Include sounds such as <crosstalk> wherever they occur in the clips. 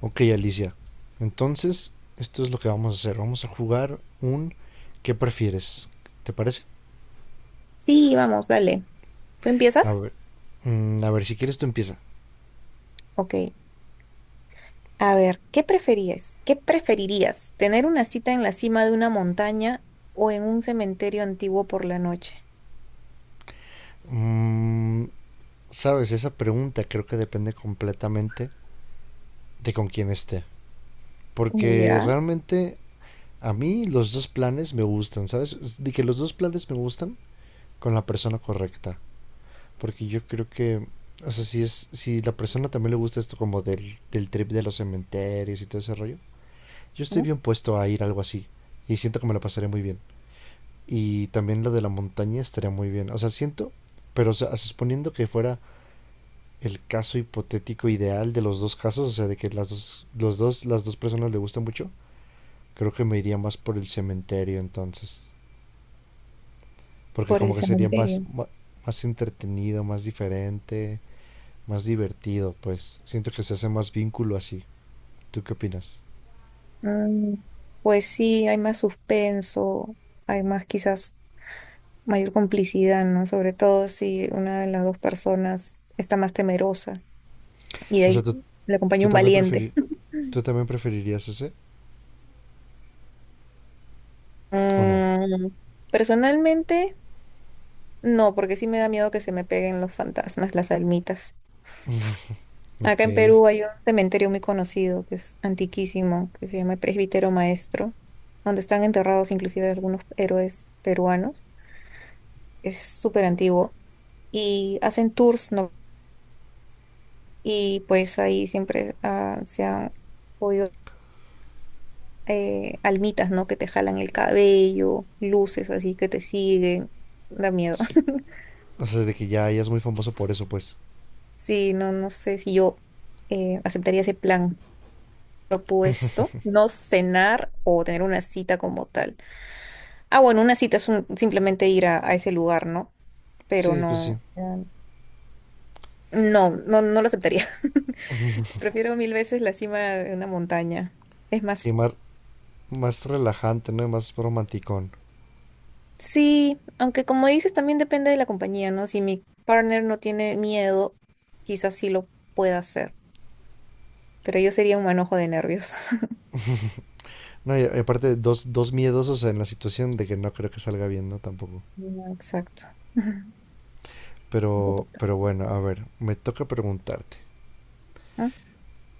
Ok, Alicia. Entonces, esto es lo que vamos a hacer. Vamos a jugar un ¿qué prefieres? ¿Te parece? Sí, vamos, dale. ¿Tú A empiezas? ver, a ver si quieres tú empieza. Ok. A ver, ¿qué preferías? ¿Qué preferirías? ¿Tener una cita en la cima de una montaña o en un cementerio antiguo por la noche? Mm, Sabes, esa pregunta creo que depende completamente de con quién esté. Porque Ya, realmente a mí los dos planes me gustan, ¿sabes? Es de que los dos planes me gustan con la persona correcta. Porque yo creo que, o sea, si la persona también le gusta esto como del trip de los cementerios y todo ese rollo. Yo estoy ¿no? bien puesto a ir a algo así y siento que me lo pasaré muy bien. Y también lo de la montaña estaría muy bien. O sea, siento, pero o sea, suponiendo que fuera el caso hipotético ideal de los dos casos, o sea, de que las dos, los dos, las dos personas le gustan mucho, creo que me iría más por el cementerio entonces. Porque Por el como que sería cementerio. Más entretenido, más diferente, más divertido, pues siento que se hace más vínculo así. ¿Tú qué opinas? Mm, pues sí, hay más suspenso, hay más quizás mayor complicidad, ¿no? Sobre todo si una de las dos personas está más temerosa y O sea, ahí ¿tú, le acompaña tú un también, preferir, valiente. <laughs> ¿Tú también preferirías ese o no? Mm, personalmente... No, porque sí me da miedo que se me peguen los fantasmas, las almitas. Ok. Acá en Perú hay un cementerio muy conocido, que es antiquísimo, que se llama el Presbítero Maestro, donde están enterrados inclusive algunos héroes peruanos. Es súper antiguo. Y hacen tours, ¿no? Y pues ahí siempre se han podido almitas, ¿no? Que te jalan el cabello, luces así que te siguen. Da miedo. Sí, <laughs> o sea, de que ya es muy famoso por eso, pues. Sí, no, no sé si yo aceptaría ese plan. Propuesto no cenar o tener una cita como tal. Ah, bueno, una cita es simplemente ir a ese lugar, ¿no? Pero Sí, pues sí. no, o sea, no, no, no lo aceptaría. <laughs> Prefiero mil veces la cima de una montaña. Es más, Sí, más relajante, ¿no? Y más romanticón. sí, aunque como dices, también depende de la compañía, ¿no? Si mi partner no tiene miedo, quizás sí lo pueda hacer, pero yo sería un manojo de nervios. <laughs> No, y aparte, dos miedosos en la situación de que no creo que salga bien, ¿no? Tampoco. Ah, exacto. <laughs> Te toca. Pero bueno, a ver, me toca preguntarte. Ah,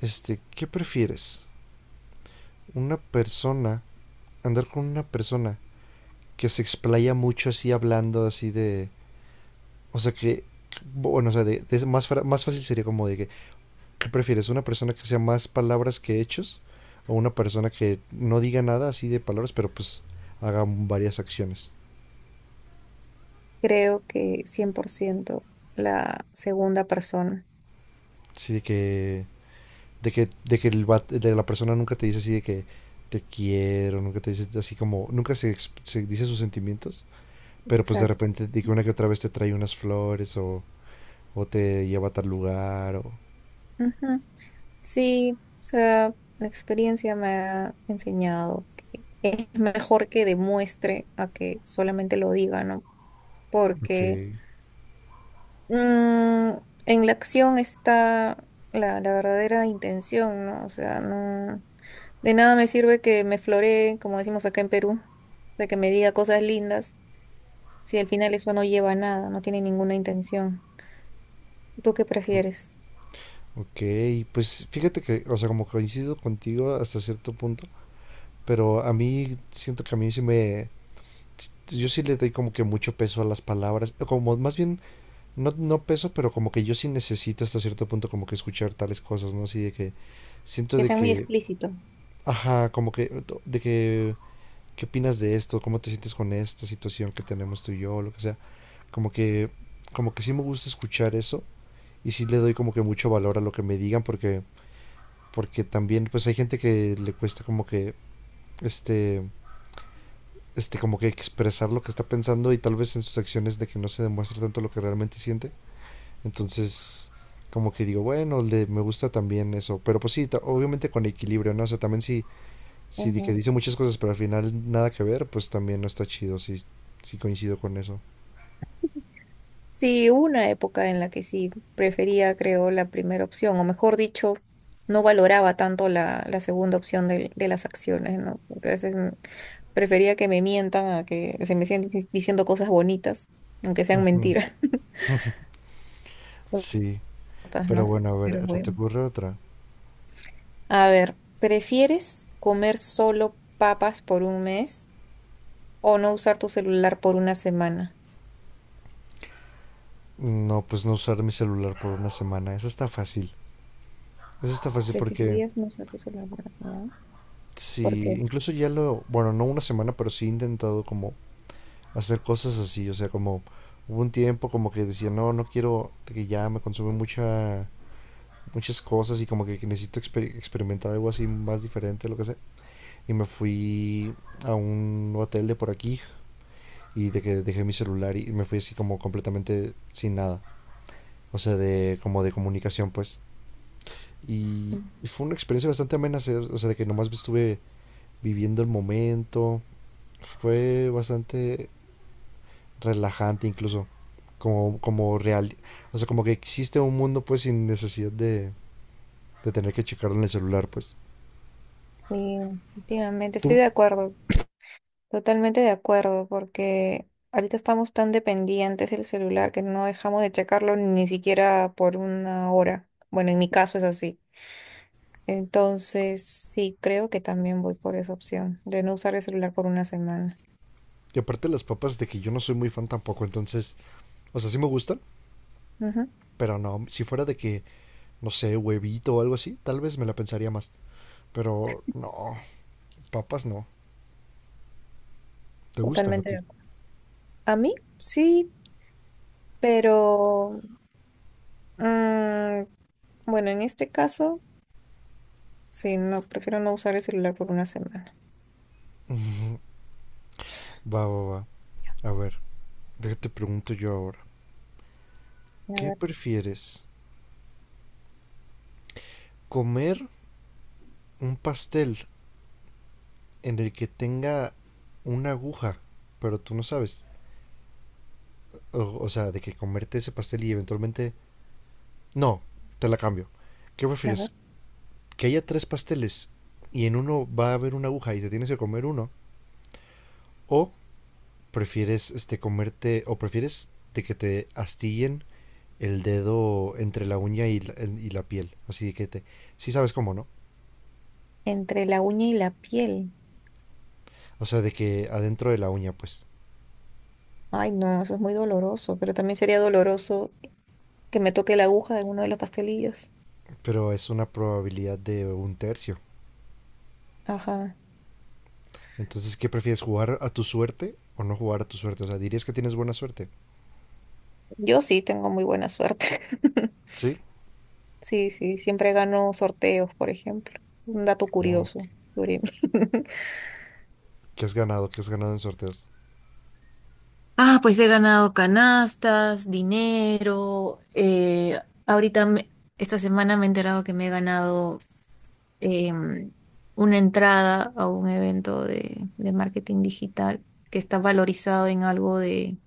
Este, ¿qué prefieres? Una persona, andar con una persona que se explaya mucho así hablando así de... O sea que, bueno, o sea, más fácil sería como de que ¿qué prefieres? ¿Una persona que sea más palabras que hechos? ¿O una persona que no diga nada así de palabras, pero pues haga varias acciones? creo que 100% la segunda persona. Así de de que de la persona nunca te dice así de que te quiero, nunca te dice así como, nunca se, ex- se dice sus sentimientos, pero pues de Exacto. repente de que una que otra vez te trae unas flores o te lleva a tal lugar o... Ujú. Sí, o sea, la experiencia me ha enseñado que es mejor que demuestre a que solamente lo diga, ¿no? Ok. Porque mm, en la acción está la verdadera intención, ¿no? O sea, no, de nada me sirve que me floree, como decimos acá en Perú, o sea, que me diga cosas lindas, si al final eso no lleva a nada, no tiene ninguna intención. ¿Tú qué prefieres? Ok, pues fíjate que, o sea, como coincido contigo hasta cierto punto, pero a mí sí me, yo sí le doy como que mucho peso a las palabras, como más bien, no peso, pero como que yo sí necesito hasta cierto punto como que escuchar tales cosas, ¿no? Así de que siento Que de sea muy que, explícito. ajá, como que, ¿qué opinas de esto? ¿Cómo te sientes con esta situación que tenemos tú y yo? Lo que sea. Como que, como que sí me gusta escuchar eso y sí le doy como que mucho valor a lo que me digan porque, porque también pues hay gente que le cuesta como que, este, este, como que expresar lo que está pensando y tal vez en sus acciones de que no se demuestre tanto lo que realmente siente. Entonces, como que digo, me gusta también eso. Pero pues sí, ta- obviamente con equilibrio, ¿no? O sea, también si, que dice muchas cosas, pero al final nada que ver, pues también no está chido, sí coincido con eso. Sí, hubo una época en la que sí prefería, creo, la primera opción, o mejor dicho, no valoraba tanto la segunda opción de, las acciones, ¿no? Entonces prefería que me mientan a que se me sigan diciendo cosas bonitas, aunque sean Ujú. mentiras, <laughs> Sí, cortas, pero ¿no? bueno, a Pero ver, ¿se te bueno. ocurre otra? A ver, ¿prefieres comer solo papas por un mes o no usar tu celular por una semana? No, pues no usar mi celular por una semana, esa está fácil. Esa está fácil porque Preferirías no usar tu celular por una semana. ¿Por sí qué? incluso ya lo, bueno, no una semana, pero sí he intentado como hacer cosas así, o sea, como hubo un tiempo como que decía, no, no quiero, que ya me consume muchas cosas y como que necesito experimentar algo así más diferente, lo que sea. Y me fui a un hotel de por aquí y de que dejé mi celular y me fui así como completamente sin nada, o sea, de como de comunicación pues. Y Sí, fue una experiencia bastante amena, o sea, de que nomás estuve viviendo el momento, fue bastante relajante incluso. Como real, o sea, como que existe un mundo pues sin necesidad de tener que checarlo en el celular, pues. últimamente estoy Tú. de acuerdo. Totalmente de acuerdo, porque ahorita estamos tan dependientes del celular que no dejamos de checarlo ni siquiera por una hora. Bueno, en mi caso es así. Entonces, sí, creo que también voy por esa opción de no usar el celular por una semana. Y aparte las papas de que yo no soy muy fan tampoco, entonces, o sea, sí me gustan, Ujú. pero no, si fuera de que, no sé, huevito o algo así, tal vez me la pensaría más. Pero no, papas no, te gustan a Totalmente de ti. acuerdo. A mí, sí, pero mm, bueno, en este caso, sí, no, prefiero no usar el celular por una semana. Va, va, va. A ver, déjate pregunto yo ahora. A ¿Qué ver, prefieres? ¿Comer un pastel en el que tenga una aguja, pero tú no sabes? O sea, de que comerte ese pastel y eventualmente... No, te la cambio. ¿Qué a ver. prefieres? ¿Que haya tres pasteles y en uno va a haber una aguja y te tienes que comer uno? ¿O prefieres comerte... o prefieres de que te astillen el dedo entre la uña y la piel? Así de que te... Sí sabes cómo, ¿no? Entre la uña y la piel. O sea, de que adentro de la uña, pues. Ay, no, eso es muy doloroso, pero también sería doloroso que me toque la aguja en uno de los pastelillos. Pero es una probabilidad de un tercio. Ajá. Entonces, ¿qué prefieres? ¿Jugar a tu suerte o no jugar a tu suerte? O sea, ¿dirías que tienes buena suerte? Yo sí tengo muy buena suerte. <laughs> Sí. Sí, sí, siempre gano sorteos, por ejemplo. Un dato Oh, curioso sobre mí. <laughs> Que has ganado en sorteos. Ah, pues he ganado canastas, dinero. Ahorita, esta semana me he enterado que me he ganado em, una entrada a un evento de marketing digital que está valorizado en algo de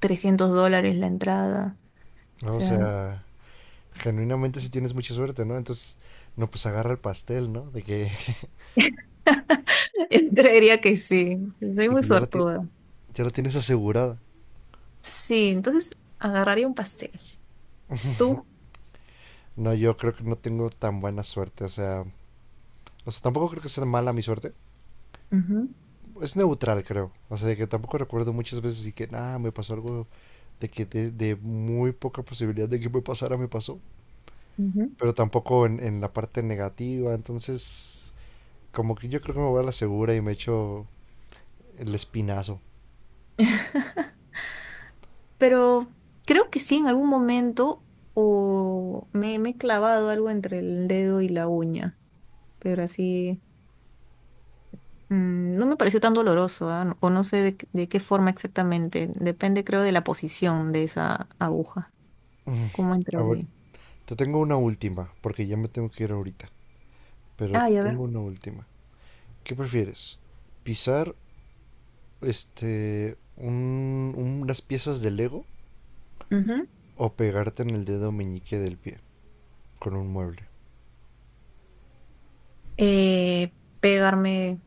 $300 la entrada. O ¿No? O sea, sea, genuinamente si tienes mucha suerte, ¿no? Entonces, no, pues agarra el pastel, ¿no? De que, <laughs> <laughs> yo creería que sí. Soy de muy que ya, suertuda. ya la tienes asegurada. Sí, entonces agarraría un pastel. ¿Tú? No, yo creo que no tengo tan buena suerte, o sea, tampoco creo que sea mala mi suerte. Ujú, Es neutral, creo. O sea, de que tampoco recuerdo muchas veces y que, nada, me pasó algo de que de muy poca posibilidad de que me pasara, me pasó. ujú. Pero tampoco en la parte negativa, entonces, como que yo creo que me voy a la segura y me echo el espinazo. Pero creo que sí, en algún momento me he clavado algo entre el dedo y la uña, pero así no me pareció tan doloroso, ¿ah? No, o no sé qué de qué forma exactamente, depende creo de la posición de esa aguja, cómo entraría. Te tengo una última, porque ya me tengo que ir ahorita, pero Ah, ya ver. tengo una última. ¿Qué prefieres? ¿Pisar unas piezas de Lego Ujú. o pegarte en el dedo meñique del pie con un mueble? Eh, pegarme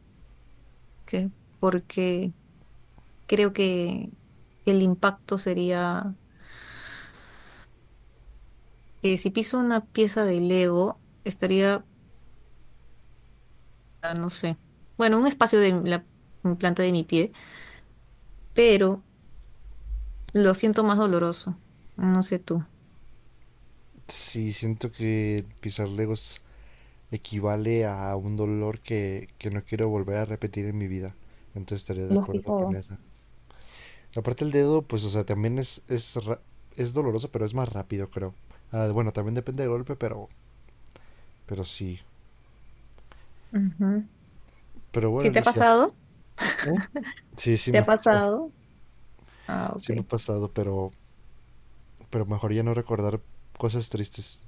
que- porque creo que el impacto sería que si piso una pieza de Lego, estaría, ah, no sé, bueno, un espacio de la planta de mi pie, pero lo siento más doloroso. No sé tú. Sí, siento que pisar Legos equivale a un dolor que no quiero volver a repetir en mi vida. Entonces estaré de Lo has acuerdo con pisado. esa. Aparte el dedo, pues, o sea, también es doloroso, pero es más rápido, creo. Ah, bueno, también depende del golpe, pero sí. Ujú. Pero bueno, ¿Sí te ha Alicia, pasado? ¿eh? Sí, sí ¿Te me ha ha pasado. pasado? Ah, ok. Sí me ha pasado, pero mejor ya no recordar cosas tristes.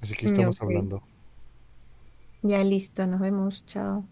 Así que Mm, estamos ok. hablando. Ya listo, nos vemos. Chao.